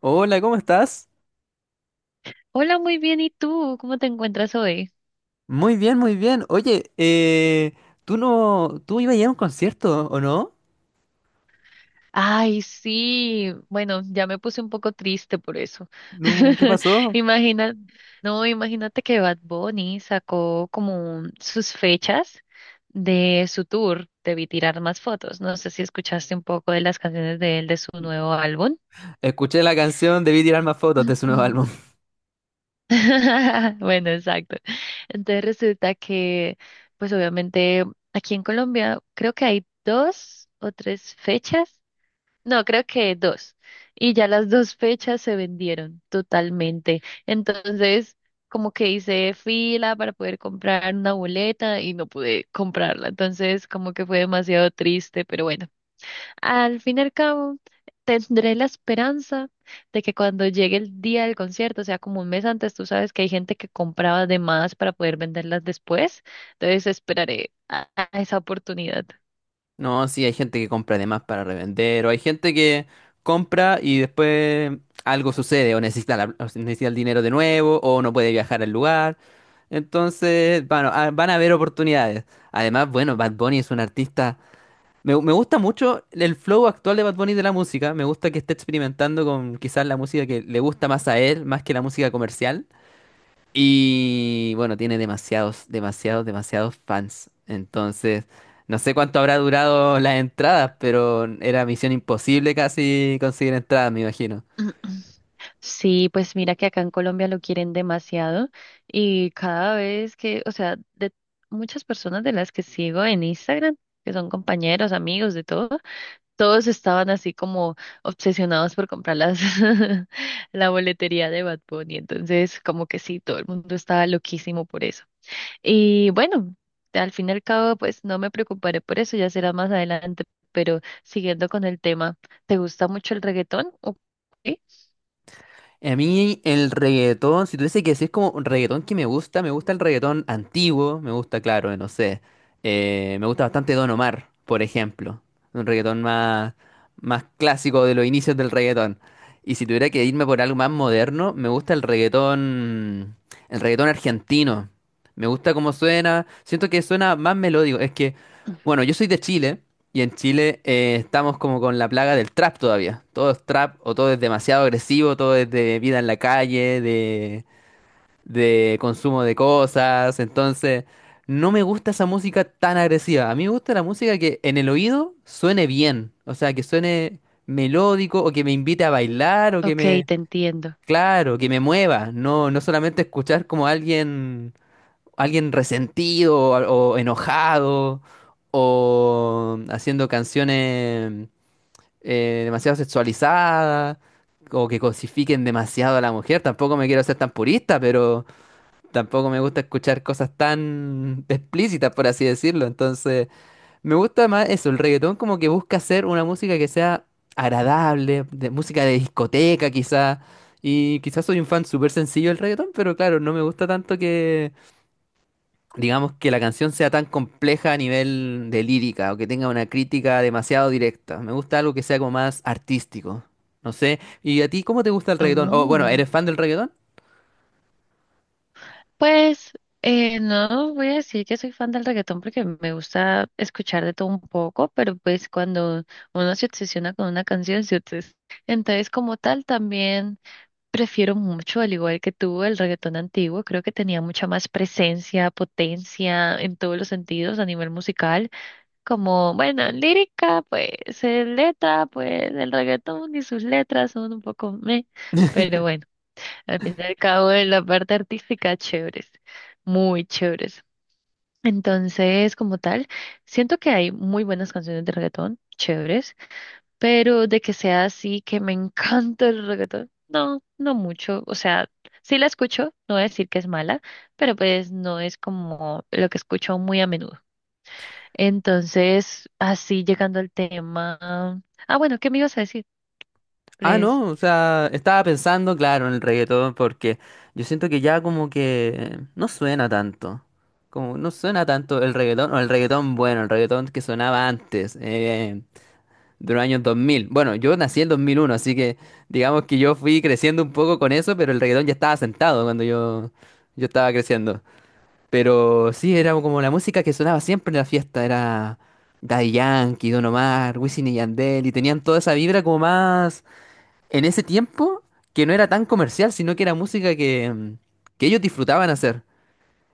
Hola, ¿cómo estás? Hola, muy bien. ¿Y tú? ¿Cómo te encuentras hoy? Muy bien, muy bien. Oye, tú no, tú ibas a ir a un concierto, ¿o no? Ay, sí. Bueno, ya me puse un poco triste por eso. No, ¿qué pasó? Imagina, no, imagínate que Bad Bunny sacó sus fechas de su tour. Debí tirar más fotos. No sé si escuchaste un poco de las canciones de él de su nuevo álbum. Escuché la canción Debí tirar más fotos de su nuevo álbum. Bueno, exacto. Entonces resulta que, pues obviamente aquí en Colombia creo que hay dos o tres fechas. No, creo que dos. Y ya las dos fechas se vendieron totalmente. Entonces, como que hice fila para poder comprar una boleta y no pude comprarla. Entonces, como que fue demasiado triste, pero bueno, al fin y al cabo, tendré la esperanza de que cuando llegue el día del concierto, o sea, como un mes antes, tú sabes que hay gente que compraba de más para poder venderlas después. Entonces, esperaré a esa oportunidad. No, sí, hay gente que compra además para revender, o hay gente que compra y después algo sucede, o necesita, o necesita el dinero de nuevo, o no puede viajar al lugar. Entonces, bueno, van a haber oportunidades. Además, bueno, Bad Bunny es un artista. Me gusta mucho el flow actual de Bad Bunny de la música. Me gusta que esté experimentando con quizás la música que le gusta más a él, más que la música comercial. Y bueno, tiene demasiados, demasiados, demasiados fans. Entonces, no sé cuánto habrá durado las entradas, pero era misión imposible casi conseguir entradas, me imagino. Sí, pues mira que acá en Colombia lo quieren demasiado y cada vez que, o sea, de muchas personas de las que sigo en Instagram, que son compañeros, amigos, de todo, todos estaban así como obsesionados por comprar las, la boletería de Bad Bunny, entonces como que sí, todo el mundo estaba loquísimo por eso. Y bueno, al fin y al cabo, pues no me preocuparé por eso, ya será más adelante, pero siguiendo con el tema, ¿te gusta mucho el reggaetón? Ok, A mí el reggaetón, si tuviese que decir como un reggaetón que me gusta el reggaetón antiguo, me gusta, claro, no sé, me gusta bastante Don Omar, por ejemplo, un reggaetón más, más clásico de los inicios del reggaetón. Y si tuviera que irme por algo más moderno, me gusta el reggaetón argentino. Me gusta cómo suena, siento que suena más melódico. Es que, bueno, yo soy de Chile. Y en Chile estamos como con la plaga del trap todavía. Todo es trap o todo es demasiado agresivo, todo es de vida en la calle, de consumo de cosas. Entonces, no me gusta esa música tan agresiva. A mí me gusta la música que en el oído suene bien. O sea, que suene melódico o que me invite a bailar o que ok, me. te entiendo. Claro, que me mueva. No, no solamente escuchar como alguien resentido o enojado o haciendo canciones demasiado sexualizadas o que cosifiquen demasiado a la mujer. Tampoco me quiero ser tan purista, pero tampoco me gusta escuchar cosas tan explícitas, por así decirlo. Entonces, me gusta más eso, el reggaetón como que busca hacer una música que sea agradable, de música de discoteca quizá. Y quizás soy un fan súper sencillo del reggaetón, pero claro, no me gusta tanto que digamos, que la canción sea tan compleja a nivel de lírica o que tenga una crítica demasiado directa. Me gusta algo que sea como más artístico. No sé. ¿Y a ti cómo te gusta el reggaetón? O bueno, Oh, ¿eres fan del reggaetón? pues no voy a decir que soy fan del reggaetón porque me gusta escuchar de todo un poco, pero pues cuando uno se obsesiona con una canción, entonces, como tal, también prefiero mucho, al igual que tú, el reggaetón antiguo. Creo que tenía mucha más presencia, potencia en todos los sentidos a nivel musical. Como, bueno, lírica, pues, letra, pues, el reggaetón y sus letras son un poco meh, pero bueno. Al fin y al cabo, en la parte artística, chéveres, muy chéveres. Entonces, como tal, siento que hay muy buenas canciones de reggaetón, chéveres, pero de que sea así, que me encanta el reggaetón, no, no mucho. O sea, sí la escucho, no voy a decir que es mala, pero pues no es como lo que escucho muy a menudo. Entonces, así llegando al tema. Ah, bueno, ¿qué me ibas a decir? Ah, Pues, no, o sea, estaba pensando, claro, en el reggaetón porque yo siento que ya como que no suena tanto. Como no suena tanto el reggaetón o el reggaetón bueno, el reggaetón que sonaba antes. De los años 2000. Bueno, yo nací en 2001, así que digamos que yo fui creciendo un poco con eso, pero el reggaetón ya estaba sentado cuando yo estaba creciendo. Pero sí, era como la música que sonaba siempre en la fiesta, era Daddy Yankee, Don Omar, Wisin y Yandel, y tenían toda esa vibra como más en ese tiempo que no era tan comercial, sino que era música que ellos disfrutaban hacer.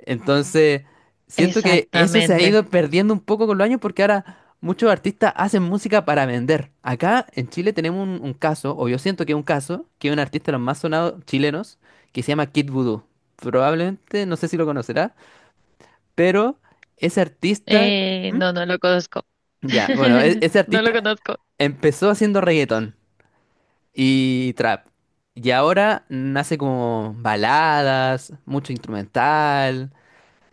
Entonces, siento que eso se ha exactamente. ido perdiendo un poco con los años porque ahora muchos artistas hacen música para vender. Acá en Chile tenemos un caso, o yo siento que es un caso, que es un artista de los más sonados chilenos, que se llama Kid Voodoo. Probablemente, no sé si lo conocerá, pero ese artista. ¿Mm? No, no lo conozco. Ya, bueno, ese No lo artista conozco. empezó haciendo reggaetón y trap. Y ahora nace como baladas, mucho instrumental,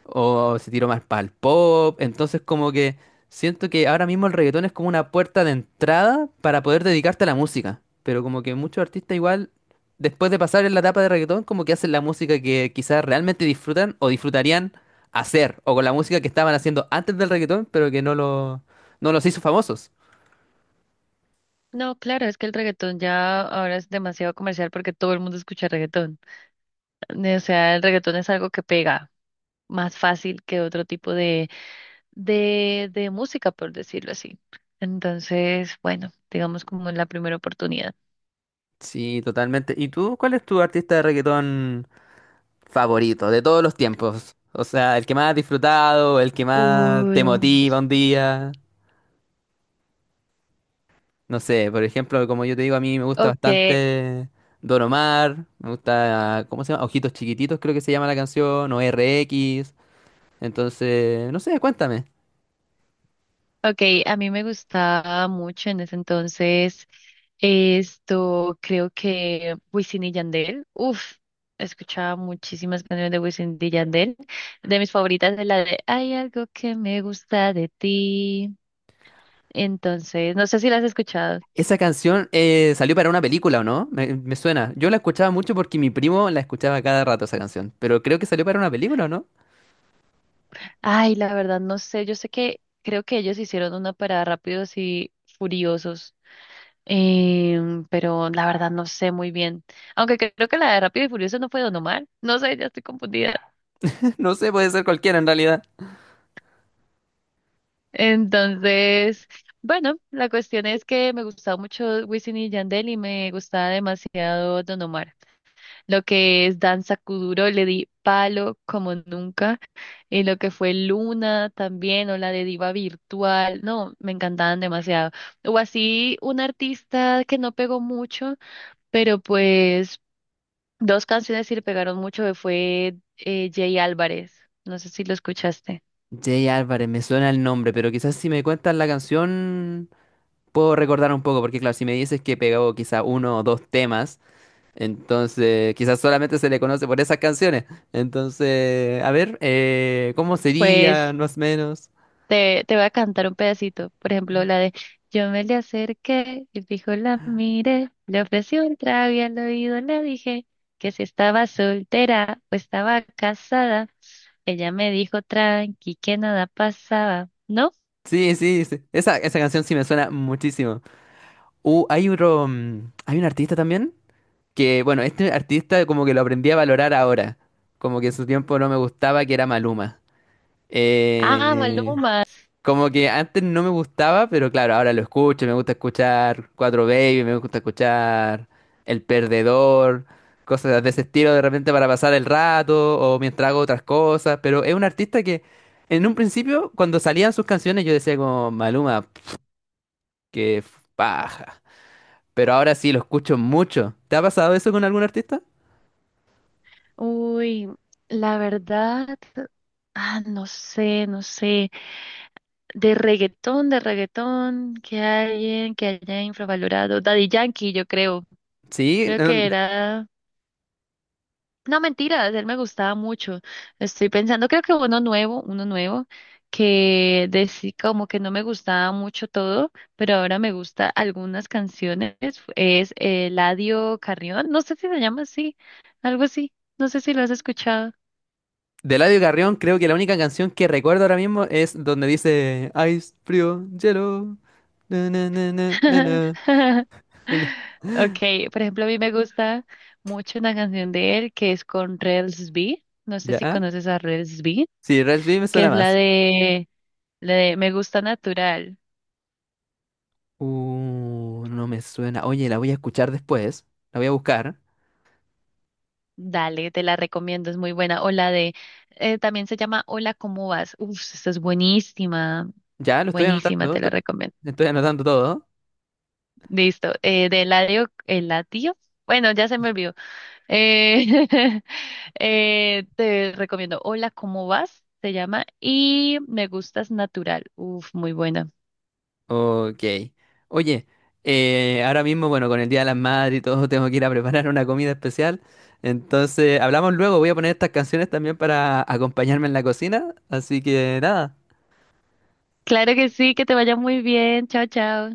o se tiró más para el pop. Entonces, como que siento que ahora mismo el reggaetón es como una puerta de entrada para poder dedicarte a la música. Pero como que muchos artistas igual, después de pasar en la etapa de reggaetón, como que hacen la música que quizás realmente disfrutan o disfrutarían hacer, o con la música que estaban haciendo antes del reggaetón, pero que no los hizo famosos. No, claro, es que el reggaetón ya ahora es demasiado comercial porque todo el mundo escucha reggaetón. O sea, el reggaetón es algo que pega más fácil que otro tipo de, de música, por decirlo así. Entonces, bueno, digamos como en la primera oportunidad. Sí, totalmente. ¿Y tú, cuál es tu artista de reggaetón favorito de todos los tiempos? O sea, el que más has disfrutado, el que más Uy, te motiva un día. No sé, por ejemplo, como yo te digo, a mí me gusta ok. bastante Don Omar, me gusta, ¿cómo se llama? Ojitos Chiquititos, creo que se llama la canción, o RX. Entonces, no sé, cuéntame. Ok, a mí me gustaba mucho en ese entonces esto, creo que Wisin y Yandel, uff, escuchaba muchísimas canciones de Wisin y Yandel, de mis favoritas es la de Hay algo que me gusta de ti, entonces, no sé si las has escuchado. Esa canción salió para una película, ¿o no? Me suena. Yo la escuchaba mucho porque mi primo la escuchaba cada rato esa canción, pero creo que salió para una película, ¿o no? Ay, la verdad no sé, yo sé que creo que ellos hicieron una para Rápidos y Furiosos, pero la verdad no sé muy bien. Aunque creo que la de Rápidos y Furiosos no fue Don Omar. No sé, ya estoy confundida. No sé, puede ser cualquiera en realidad. Entonces, bueno, la cuestión es que me gustaba mucho Wisin y Yandel y me gustaba demasiado Don Omar. Lo que es Danza Kuduro le di palo como nunca. Y lo que fue Luna también, o la de Diva Virtual, no, me encantaban demasiado. O así un artista que no pegó mucho, pero pues dos canciones sí le pegaron mucho, que fue Jay Álvarez. No sé si lo escuchaste. Jay Álvarez, me suena el nombre, pero quizás si me cuentas la canción puedo recordar un poco, porque claro, si me dices que pegó quizá uno o dos temas. Entonces, quizás solamente se le conoce por esas canciones. Entonces, a ver, ¿cómo sería Pues más o menos? te voy a cantar un pedacito, por ejemplo, la de Yo me le acerqué y fijo la miré, le ofrecí un trago y al oído le dije que si estaba soltera o estaba casada, ella me dijo tranqui que nada pasaba, ¿no? Sí, sí, sí. Esa canción sí me suena muchísimo. Hay hay un artista también que, bueno, este artista como que lo aprendí a valorar ahora. Como que en su tiempo no me gustaba que era Maluma. Ah, Eh, Maluma. Como que antes no me gustaba, pero claro, ahora lo escucho, me gusta escuchar Cuatro Baby, me gusta escuchar El Perdedor, cosas de ese estilo de repente para pasar el rato o mientras hago otras cosas, pero es un artista que en un principio cuando salían sus canciones yo decía como Maluma, que paja, pero ahora sí lo escucho mucho. ¿Te ha pasado eso con algún artista? Uy, la verdad, ah, no sé, no sé, de reggaetón, que alguien que haya infravalorado, Daddy Yankee, yo creo, Sí, creo que no. era No, mentiras, él me gustaba mucho. Estoy pensando, creo que uno nuevo, que decía como que no me gustaba mucho todo, pero ahora me gusta algunas canciones, es Eladio Carrión, no sé si se llama así, algo así, no sé si lo has escuchado. De Eladio Carrión, creo que la única canción que recuerdo ahora mismo es donde dice Ice, frío, hielo. Na, na, na, na, na, na, na, na". Okay, por ejemplo, a mí me gusta mucho una canción de él que es con Rels B, no sé si ¿Ya? conoces a Rels B, Sí, Rels B me que suena es más. La de Me gusta natural. No me suena. Oye, la voy a escuchar después. La voy a buscar. Dale, te la recomiendo, es muy buena. O la de, también se llama Hola, ¿cómo vas? Uf, esta es buenísima, Ya, lo estoy buenísima, anotando. te la recomiendo. Estoy anotando todo. Listo, de Eladio, Eladio, bueno, ya se me olvidó. Eh, te recomiendo Hola, ¿cómo vas? Se llama y Me gustas natural. Uf, muy buena. Ok. Oye, ahora mismo, bueno, con el Día de las Madres y todo, tengo que ir a preparar una comida especial. Entonces, hablamos luego. Voy a poner estas canciones también para acompañarme en la cocina. Así que nada. Claro que sí, que te vaya muy bien. Chao, chao.